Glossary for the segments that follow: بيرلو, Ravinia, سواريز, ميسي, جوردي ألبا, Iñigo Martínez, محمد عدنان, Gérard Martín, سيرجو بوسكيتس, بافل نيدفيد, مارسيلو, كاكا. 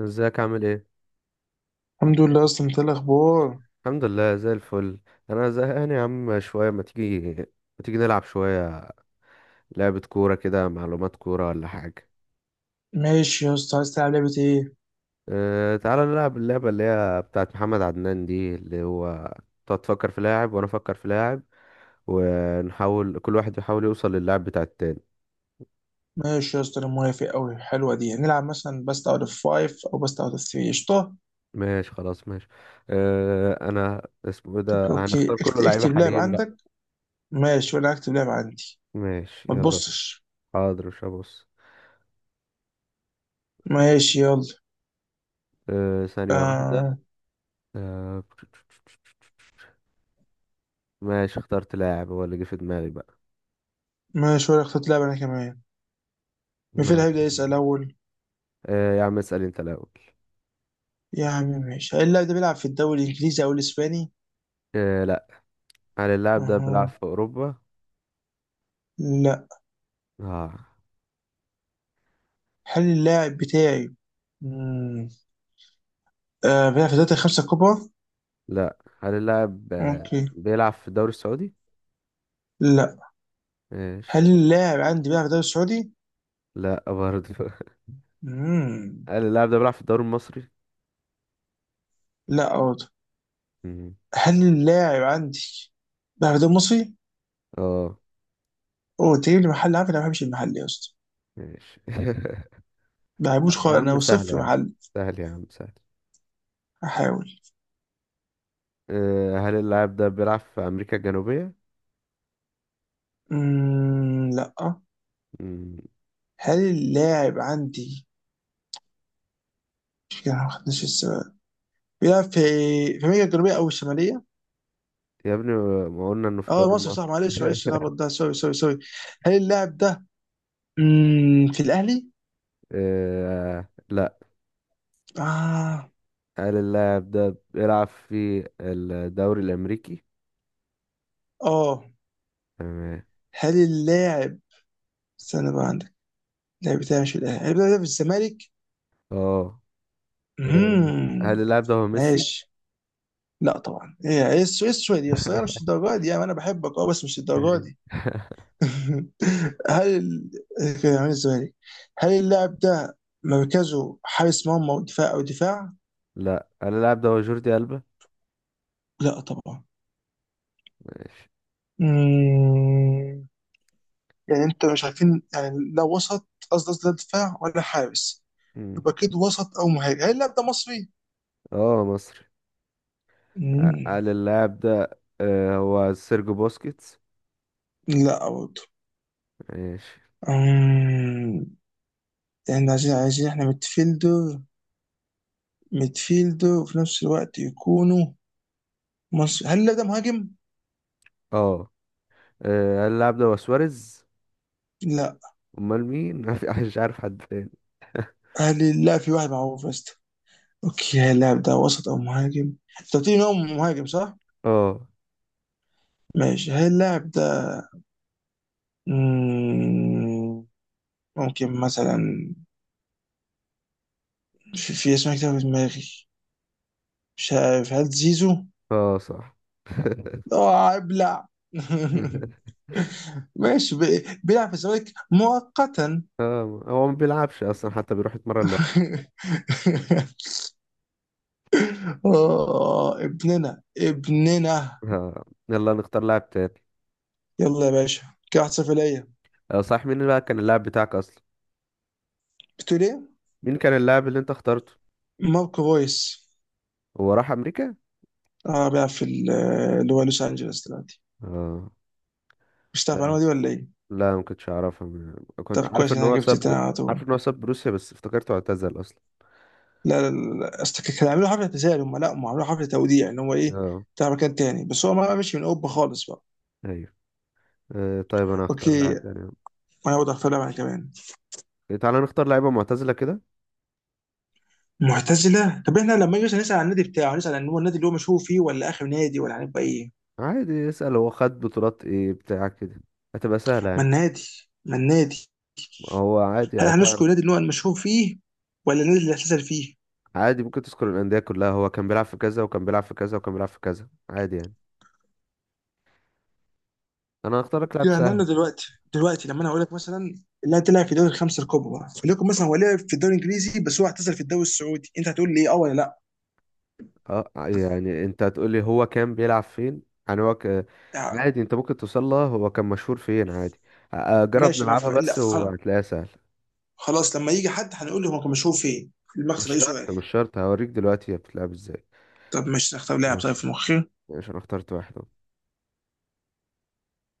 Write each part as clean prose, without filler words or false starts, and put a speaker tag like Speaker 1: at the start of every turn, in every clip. Speaker 1: ازيك عامل ايه؟
Speaker 2: الحمد لله، اصلا انت إيه الاخبار؟
Speaker 1: الحمد لله زي الفل. انا زهقان يا عم شويه، ما تيجي نلعب شويه. لعبه كوره كده، معلومات كوره ولا حاجه؟
Speaker 2: ماشي يا اسطى، عايز تلعب لعبه ايه؟
Speaker 1: تعالى نلعب اللعبه اللي هي بتاعت محمد عدنان دي اللي هو تقعد تفكر في لاعب وانا افكر في لاعب، ونحاول كل واحد يحاول يوصل للاعب بتاع التاني.
Speaker 2: ماشي يا اسطى، انا موافق قوي. حلوه دي. نلعب مثلا بست اوت اوف 5 او بست اوت اوف 3؟ قشطه.
Speaker 1: ماشي خلاص ماشي. انا اسمه ايه
Speaker 2: طب
Speaker 1: ده،
Speaker 2: اوكي،
Speaker 1: هنختار كله لعيبه
Speaker 2: اكتب لعب
Speaker 1: حاليين بقى.
Speaker 2: عندك. ماشي، وانا اكتب لعب عندي.
Speaker 1: ماشي
Speaker 2: ما
Speaker 1: يلا بينا.
Speaker 2: تبصش.
Speaker 1: حاضر مش هبص.
Speaker 2: ماشي يلا.
Speaker 1: ثانيه واحده.
Speaker 2: آه.
Speaker 1: أه. ماشي، اخترت لاعب هو اللي جه في دماغي بقى.
Speaker 2: ماشي، وانا اخترت لعب انا كمان. مين
Speaker 1: ماشي.
Speaker 2: هيبدا يسال اول؟
Speaker 1: آه يا عم، اسأل انت الأول.
Speaker 2: يا عم ماشي. هل اللاعب ده بيلعب في الدوري الانجليزي او الاسباني؟
Speaker 1: آه، لا. هل اللاعب ده بيلعب
Speaker 2: اها.
Speaker 1: في أوروبا؟
Speaker 2: لا.
Speaker 1: آه،
Speaker 2: هل اللاعب بتاعي مم. آه بيلعب في الدوري الخمسه الكبرى؟
Speaker 1: لا. هل اللاعب
Speaker 2: اوكي.
Speaker 1: بيلعب في الدوري السعودي؟
Speaker 2: لا.
Speaker 1: ماشي.
Speaker 2: هل اللاعب عندي بيلعب في الدوري السعودي؟
Speaker 1: لا برضه
Speaker 2: امم
Speaker 1: هل اللاعب ده بيلعب في الدوري المصري؟
Speaker 2: لا برضه.
Speaker 1: مم.
Speaker 2: هل اللاعب عندي بيلعب في الدوري المصري؟
Speaker 1: اه.
Speaker 2: اوه، تجيب لي محل؟ عارف انا ما بحبش المحل يا اسطى.
Speaker 1: ماشي
Speaker 2: ما بحبوش
Speaker 1: يا
Speaker 2: خالص،
Speaker 1: عم
Speaker 2: انا
Speaker 1: سهل، يا
Speaker 2: صفر
Speaker 1: عم
Speaker 2: محل.
Speaker 1: سهل يا عم سهل.
Speaker 2: احاول.
Speaker 1: هل اللاعب ده بيلعب في أمريكا الجنوبية؟
Speaker 2: لا.
Speaker 1: مم.
Speaker 2: هل اللاعب عندي مش كده ما خدناش السؤال بيلعب في امريكا الجنوبيه او الشماليه؟
Speaker 1: يا ابني، ما قلنا انه في الدوري
Speaker 2: اه مصر
Speaker 1: المصري
Speaker 2: صح، معلش معلش، الهبط ده، سوري سوري سوري. هل اللاعب ده في الاهلي؟
Speaker 1: آه، لا.
Speaker 2: اه.
Speaker 1: هل اللاعب ده بيلعب في الدوري الأمريكي؟
Speaker 2: اه.
Speaker 1: تمام.
Speaker 2: هل اللاعب، استنى بقى عندك، لا بتاعش الاهلي، هل بيلعب في الزمالك؟
Speaker 1: اه. إيه،
Speaker 2: امم.
Speaker 1: هل اللاعب ده هو ميسي؟
Speaker 2: ماشي. لا طبعا. ايه ايه إيه السويد دي؟ اصل هي مش الدرجه دي يعني. انا بحبك اه، بس مش الدرجه
Speaker 1: تمام.
Speaker 2: دي. هل ال- كان عامل الزمالك. هل اللاعب ده مركزه حارس مرمى ودفاع او دفاع؟
Speaker 1: لا، هل اللاعب ده هو جوردي ألبا؟
Speaker 2: لا طبعا.
Speaker 1: ماشي.
Speaker 2: مم. يعني انت مش عارفين يعني، لا وسط، قصدي لا دفاع ولا حارس.
Speaker 1: مم.
Speaker 2: يبقى كده وسط او مهاجم. هل اللاعب ده مصري؟
Speaker 1: اه، مصري.
Speaker 2: مم.
Speaker 1: هل اللاعب ده هو سيرجو بوسكيتس؟
Speaker 2: لا برضه.
Speaker 1: ماشي.
Speaker 2: احنا عايزين احنا ميدفيلدر، وفي نفس الوقت يكونوا مصر. هل اللاعب ده مهاجم؟
Speaker 1: اه، هل اللاعب ده هو سواريز؟
Speaker 2: لا.
Speaker 1: أمال مين؟ ما في- مش عارف حد تاني.
Speaker 2: هل لا، في واحد معروف بس. اوكي، هل اللاعب ده وسط او مهاجم؟ انت قلت لي إن هو مهاجم صح؟
Speaker 1: اه.
Speaker 2: ماشي. هل اللاعب ده، مم، ممكن مثلا في اسمه كتير في دماغي، مش عارف. هل زيزو؟
Speaker 1: اه، صح
Speaker 2: اه ابلع. ماشي. بيلعب في الزمالك مؤقتا.
Speaker 1: اه، هو ما بيلعبش أصلا، حتى بيروح يتمرن لوحده.
Speaker 2: اه، ابننا ابننا.
Speaker 1: يلا نختار لاعب تاني.
Speaker 2: يلا يا باشا. كده 1-0 ليا.
Speaker 1: صح، مين بقى كان اللاعب بتاعك اصلا؟
Speaker 2: بتقول ايه؟
Speaker 1: مين كان اللاعب اللي انت اخترته؟
Speaker 2: ماركو رويس.
Speaker 1: هو راح امريكا؟
Speaker 2: اه، بيلعب في اللي هو لوس انجلوس دلوقتي.
Speaker 1: اه.
Speaker 2: مش تعرف المعلومه
Speaker 1: طيب.
Speaker 2: دي ولا ايه؟
Speaker 1: لا، ما كنتش اعرفها. كنت
Speaker 2: طب،
Speaker 1: عارف
Speaker 2: كويس
Speaker 1: ان
Speaker 2: إن انا
Speaker 1: هو
Speaker 2: جبت
Speaker 1: ساب.
Speaker 2: تاني على
Speaker 1: عارف
Speaker 2: طول.
Speaker 1: ان هو ساب روسيا بس افتكرته اعتزل اصلا.
Speaker 2: لا لا لا لا. اصل كانوا عاملين حفله اعتزال، هم لا، هم عاملين حفله توديع، ان هو ايه،
Speaker 1: اه.
Speaker 2: بتاع مكان تاني، بس هو ما مشي من اوروبا خالص بقى.
Speaker 1: ايوه. طيب، انا هختار
Speaker 2: اوكي،
Speaker 1: لاعب تاني.
Speaker 2: انا برضه هختار لعبه كمان.
Speaker 1: إيه، تعالى نختار لعيبه معتزله كده.
Speaker 2: معتزله. طب احنا لما نيجي نسال عن النادي بتاعه، هنسال عن هو النادي اللي هو مشهور فيه، ولا اخر نادي، ولا هنبقى ايه؟
Speaker 1: عادي، اسال هو خد بطولات ايه بتاع كده. هتبقى سهله
Speaker 2: ما
Speaker 1: يعني.
Speaker 2: النادي ما النادي
Speaker 1: هو عادي
Speaker 2: هل
Speaker 1: هتعرف.
Speaker 2: هنذكر النادي اللي هو المشهور فيه ولا النادي اللي اعتزل فيه؟
Speaker 1: عادي ممكن تذكر الانديه كلها، هو كان بيلعب في كذا وكان بيلعب في كذا وكان بيلعب في كذا، عادي يعني. انا هختار لك لاعب
Speaker 2: يعني
Speaker 1: سهل.
Speaker 2: انا دلوقتي، لما انا اقول لك مثلا لا تلعب في الدوري الخمسه الكبرى، فليكن مثلا هو لعب في الدوري الانجليزي بس هو اعتزل في الدوري السعودي، انت هتقول لي اه ولا لا؟
Speaker 1: اه، يعني انت هتقولي هو كان بيلعب فين. يعني هو ك...
Speaker 2: آه،
Speaker 1: عادي انت ممكن توصل لها هو كان مشهور فين عادي. جرب
Speaker 2: ماشي. ما ف...
Speaker 1: نلعبها
Speaker 2: لا
Speaker 1: بس وهتلاقيها سهل.
Speaker 2: خلاص، لما يجي حد هنقول له هو كان مشهور فين؟
Speaker 1: مش
Speaker 2: المقصد اي سؤال.
Speaker 1: شرط، مش شرط، هوريك دلوقتي هي بتلعب ازاي.
Speaker 2: طب ماشي، نختار لاعب. طيب
Speaker 1: ماشي.
Speaker 2: في مخي.
Speaker 1: ماشي، انا اخترت واحد اهو.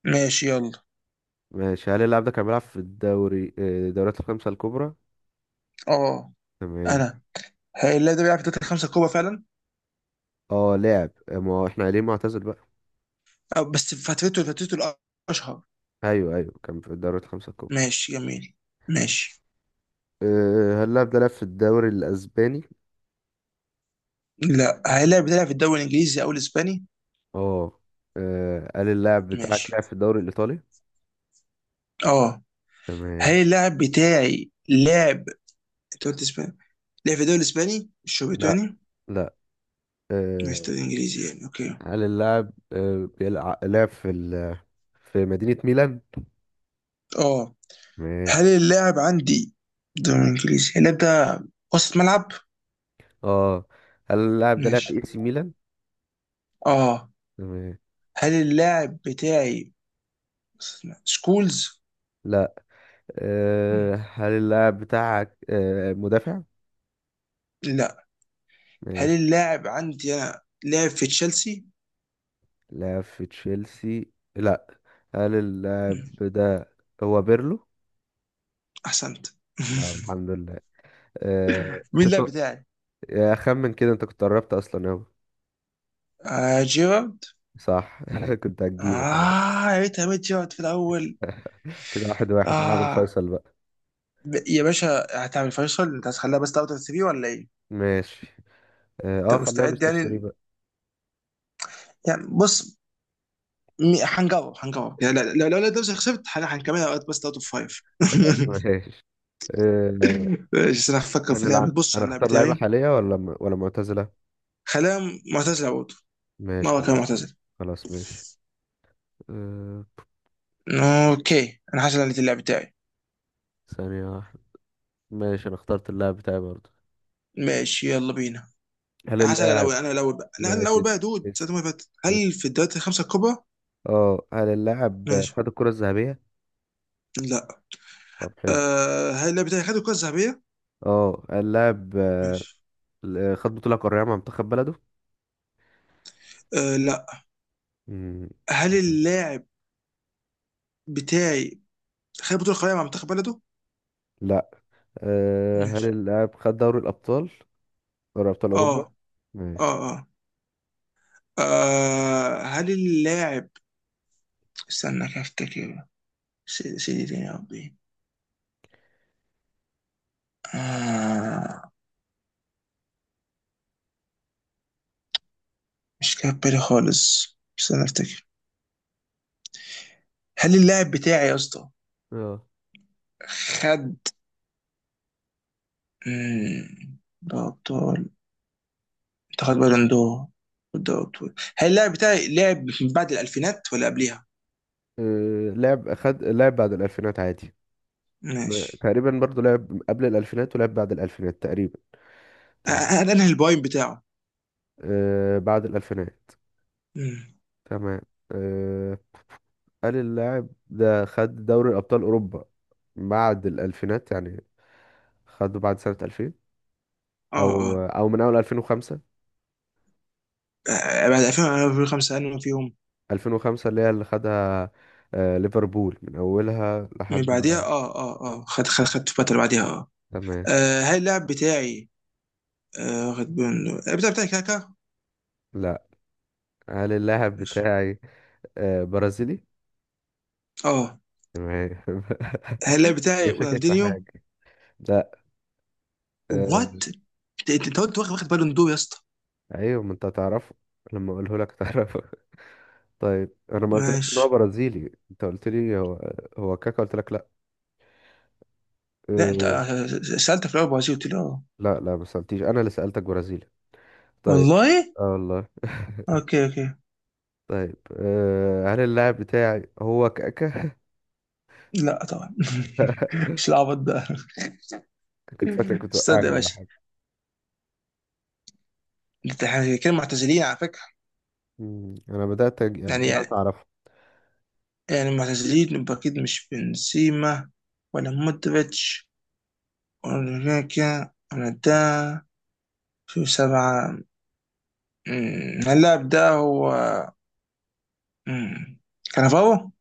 Speaker 2: ماشي يلا.
Speaker 1: ماشي، هل اللاعب ده كان بيلعب في الدوري، الدوريات الخمسة الكبرى؟
Speaker 2: اه،
Speaker 1: تمام.
Speaker 2: انا اللاعب ده بيلعب في الدوري الخمسه الكبرى فعلا.
Speaker 1: اه لعب، ما هو احنا قايلين معتزل بقى.
Speaker 2: آه، بس فترته الاشهر.
Speaker 1: ايوه، ايوه، كان في الدوريات الخمسة الكبرى.
Speaker 2: ماشي جميل. ماشي.
Speaker 1: اه، هل اللاعب ده لعب في الدوري الاسباني؟
Speaker 2: لا. هل اللاعب ده بيلعب في الدوري الانجليزي او الاسباني؟
Speaker 1: اه، اه، هل اللاعب بتاعك
Speaker 2: ماشي.
Speaker 1: لعب في الدوري الايطالي؟
Speaker 2: اه، هل
Speaker 1: تمام.
Speaker 2: اللاعب بتاعي لعب، انت قلت اسباني، لعب في الدوري الاسباني، مش هو
Speaker 1: لا،
Speaker 2: بريطاني،
Speaker 1: لا.
Speaker 2: مش
Speaker 1: آه،
Speaker 2: دوري انجليزي يعني. اوكي.
Speaker 1: هل اللاعب لعب في مدينة ميلان؟
Speaker 2: اه.
Speaker 1: تمام.
Speaker 2: هل اللاعب عندي دوري انجليزي، هل اللاعب ده وسط ملعب؟
Speaker 1: اه، هل اللاعب ده لعب في
Speaker 2: ماشي.
Speaker 1: اي سي ميلان؟
Speaker 2: اه،
Speaker 1: تمام.
Speaker 2: هل اللاعب بتاعي وسط ملعب؟ سكولز.
Speaker 1: لا.
Speaker 2: مم.
Speaker 1: هل اللاعب بتاعك مدافع؟
Speaker 2: لا. هل
Speaker 1: ماشي.
Speaker 2: اللاعب عندي انا لعب في تشيلسي؟
Speaker 1: لعب في تشيلسي؟ لا. هل اللاعب
Speaker 2: مم.
Speaker 1: ده هو بيرلو؟
Speaker 2: احسنت.
Speaker 1: الحمد لله. آه،
Speaker 2: مين اللاعب
Speaker 1: تتو-
Speaker 2: بتاعي؟
Speaker 1: يا خمن كده، انت كنت قربت اصلا اوي.
Speaker 2: آه جيرارد.
Speaker 1: صح كنت هتجيبه خلاص.
Speaker 2: اه، يا ريت عملت جيرارد في الاول.
Speaker 1: كده، واحد واحد نلعب
Speaker 2: اه،
Speaker 1: الفيصل بقى.
Speaker 2: يا باشا، هتعمل فيصل؟ انت هتخليها بس تاخد السي في ولا ايه؟
Speaker 1: ماشي. اه،
Speaker 2: انت
Speaker 1: خليها
Speaker 2: مستعد
Speaker 1: بيست اوف 3
Speaker 2: يعني؟
Speaker 1: بقى.
Speaker 2: يعني بص، هنجرب يعني لو نفسي خسرت، هنكملها وقت بس اوت اوف فايف.
Speaker 1: خلاص ماشي. آه،
Speaker 2: ماشي، بس انا هفكر في
Speaker 1: هنلعب،
Speaker 2: لعبه. بص
Speaker 1: انا
Speaker 2: على اللعب
Speaker 1: اختار لعيبة
Speaker 2: بتاعي.
Speaker 1: حالية ولا معتزلة؟
Speaker 2: خليها معتزله برضه.
Speaker 1: ماشي
Speaker 2: مره كان
Speaker 1: خلاص.
Speaker 2: معتزل.
Speaker 1: خلاص ماشي. آه،
Speaker 2: اوكي، انا حاسس ان اللعب بتاعي.
Speaker 1: ثانية واحدة. ماشي، انا اخترت اللاعب بتاعي برضه.
Speaker 2: ماشي يلا بينا.
Speaker 1: هل
Speaker 2: انا حاسس إن
Speaker 1: اللاعب
Speaker 2: الاول، انا الاول بقى، لا انا
Speaker 1: ماشي
Speaker 2: الاول بقى يا
Speaker 1: اس
Speaker 2: دود ساعة
Speaker 1: اس
Speaker 2: ما فاتت. هل
Speaker 1: اس.
Speaker 2: في الدوريات الخمسه الكبرى؟
Speaker 1: اه، هل اللاعب
Speaker 2: ماشي.
Speaker 1: خد الكرة الذهبية؟
Speaker 2: لا.
Speaker 1: طب حلو.
Speaker 2: أه، هل اللاعب بتاعي خد الكره الذهبيه؟
Speaker 1: اه، هل اللاعب
Speaker 2: ماشي.
Speaker 1: خد بطولة قارية مع منتخب بلده؟
Speaker 2: أه لا.
Speaker 1: مم.
Speaker 2: هل اللاعب بتاعي خد بطولة قارية مع منتخب بلده؟
Speaker 1: لا. هل
Speaker 2: ماشي.
Speaker 1: اللاعب خد دوري الأبطال؟ دوري أبطال
Speaker 2: اه
Speaker 1: أوروبا.
Speaker 2: اه
Speaker 1: ماشي.
Speaker 2: اه. آه، هل اللاعب، استنى كده افتكر. سيدي تاني يا ربي. آه، مش جاي في بالي خالص، استنى افتكر. هل اللاعب بتاعي يا اسطى
Speaker 1: اه.
Speaker 2: خد، مم، ده ابطال؟ انت خد بالون دور؟ ده ابطال. هل اللاعب بتاعي لعب من بعد الالفينات ولا قبلها؟
Speaker 1: لعب بعد الألفينات عادي.
Speaker 2: ماشي.
Speaker 1: تقريبا برضو لعب قبل الألفينات ولعب بعد الألفينات تقريبا.
Speaker 2: آه،
Speaker 1: تمام.
Speaker 2: انا البوينت بتاعه.
Speaker 1: بعد الألفينات.
Speaker 2: مم.
Speaker 1: تمام. آه. قال اللاعب ده خد دوري أبطال أوروبا بعد الألفينات يعني. خده بعد سنة 2000
Speaker 2: اه اه.
Speaker 1: أو من أول 2005،
Speaker 2: آه، بعد 2005 انا فيهم.
Speaker 1: 2005 اللي هي اللي خدها. ليفربول من أولها
Speaker 2: من
Speaker 1: لحد
Speaker 2: بعديها.
Speaker 1: بقى.
Speaker 2: اه اه اه، خد خدت فترة بعديها. اه.
Speaker 1: تمام.
Speaker 2: آه، هل اللاعب بتاعي آه واخد بالون دور؟ اللاعب بتاعي كاكا؟
Speaker 1: لا. هل اللاعب
Speaker 2: ماشي.
Speaker 1: بتاعي برازيلي؟
Speaker 2: اه،
Speaker 1: تمام
Speaker 2: هل اللاعب
Speaker 1: أنا
Speaker 2: بتاعي
Speaker 1: شاكك في
Speaker 2: رونالدينيو؟
Speaker 1: حاجة. لا. آه،
Speaker 2: وات؟ انت قلت واخد بالون دور يا اسطى.
Speaker 1: ايوه، ما انت هتعرفه. لما اقوله لك هتعرفه طيب، انا ما قلتلكش ان
Speaker 2: ماشي.
Speaker 1: هو برازيلي، انت قلت لي هو هو كاكا؟ قلت لك لا.
Speaker 2: لا، انت
Speaker 1: أه...
Speaker 2: آه سألت في الاول برازيل، قلت لي اه.
Speaker 1: لا، لا، ما سالتيش، انا اللي سالتك برازيلي. طيب.
Speaker 2: والله.
Speaker 1: اه والله
Speaker 2: اوكي اوكي.
Speaker 1: طيب، هل اللاعب بتاعي هو كاكا؟
Speaker 2: لا طبعا. مش العبط ده.
Speaker 1: كنت فاكرك
Speaker 2: استنى يا
Speaker 1: بتوقعني ولا
Speaker 2: باشا.
Speaker 1: حاجه.
Speaker 2: انت احنا كده معتزلين على فكرة.
Speaker 1: انا بدات يعني
Speaker 2: يعني
Speaker 1: بدات
Speaker 2: يعني
Speaker 1: اعرفه.
Speaker 2: يعني معتزلين، يبقى اكيد مش بنسيما ولا مودريتش. ولكن أنا ده في سبعة. اللاعب ده هو، أمم، كانافارو؟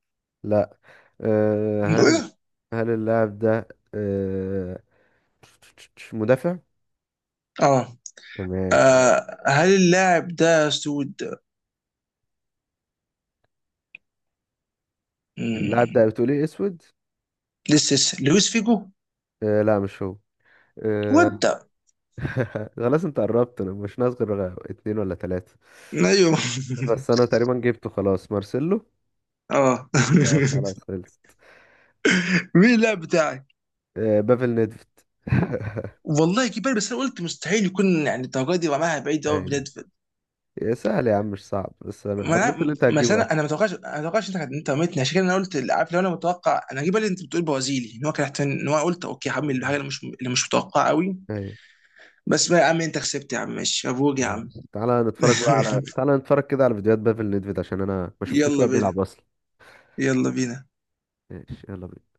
Speaker 1: لا. أه... هل
Speaker 2: إيه؟
Speaker 1: هل اللاعب ده أه... مدافع؟
Speaker 2: اه
Speaker 1: تمام خلاص.
Speaker 2: آه، هل اللاعب ده سود؟
Speaker 1: اللاعب ده
Speaker 2: أمم،
Speaker 1: بتقول ايه، اسود؟
Speaker 2: لسه لويس فيجو؟
Speaker 1: لا، مش هو. آه،
Speaker 2: وده.
Speaker 1: خلاص، انت قربت، انا مش ناقص غير اتنين ولا تلاتة.
Speaker 2: ايوه.
Speaker 1: بس انا تقريبا جبته، خلاص، مارسيلو.
Speaker 2: اه.
Speaker 1: اه، خلاص خلصت.
Speaker 2: مين اللاعب بتاعك؟
Speaker 1: بافل نيدفيد.
Speaker 2: والله كبير. بس انا قلت مستحيل يكون يعني الدرجه دي، رماها بعيد قوي
Speaker 1: ايوه.
Speaker 2: بلاد.
Speaker 1: يا سهل يا عم، مش صعب، بس انا
Speaker 2: ما
Speaker 1: انا قلت
Speaker 2: انا،
Speaker 1: اللي انت
Speaker 2: بس
Speaker 1: هتجيبه
Speaker 2: انا
Speaker 1: اكتر.
Speaker 2: انا ما توقعش، ما توقعش، انت رميتني. عشان كده انا قلت عارف، لو انا متوقع انا هجيب بالي انت بتقول برازيلي، ان هو كان ان هو قلت اوكي، هعمل الحاجه
Speaker 1: مم.
Speaker 2: اللي مش متوقعه قوي.
Speaker 1: ايوه.
Speaker 2: بس بقى يا عم، انت كسبت يا عم، ماشي، مبروك يا عم.
Speaker 1: خلاص، تعالى نتفرج كده على فيديوهات بافل نيدفيد، عشان انا ما شفتوش
Speaker 2: يلا
Speaker 1: وهو بيلعب
Speaker 2: بينا.
Speaker 1: اصلا.
Speaker 2: يلا بينا.
Speaker 1: ماشي يلا بينا.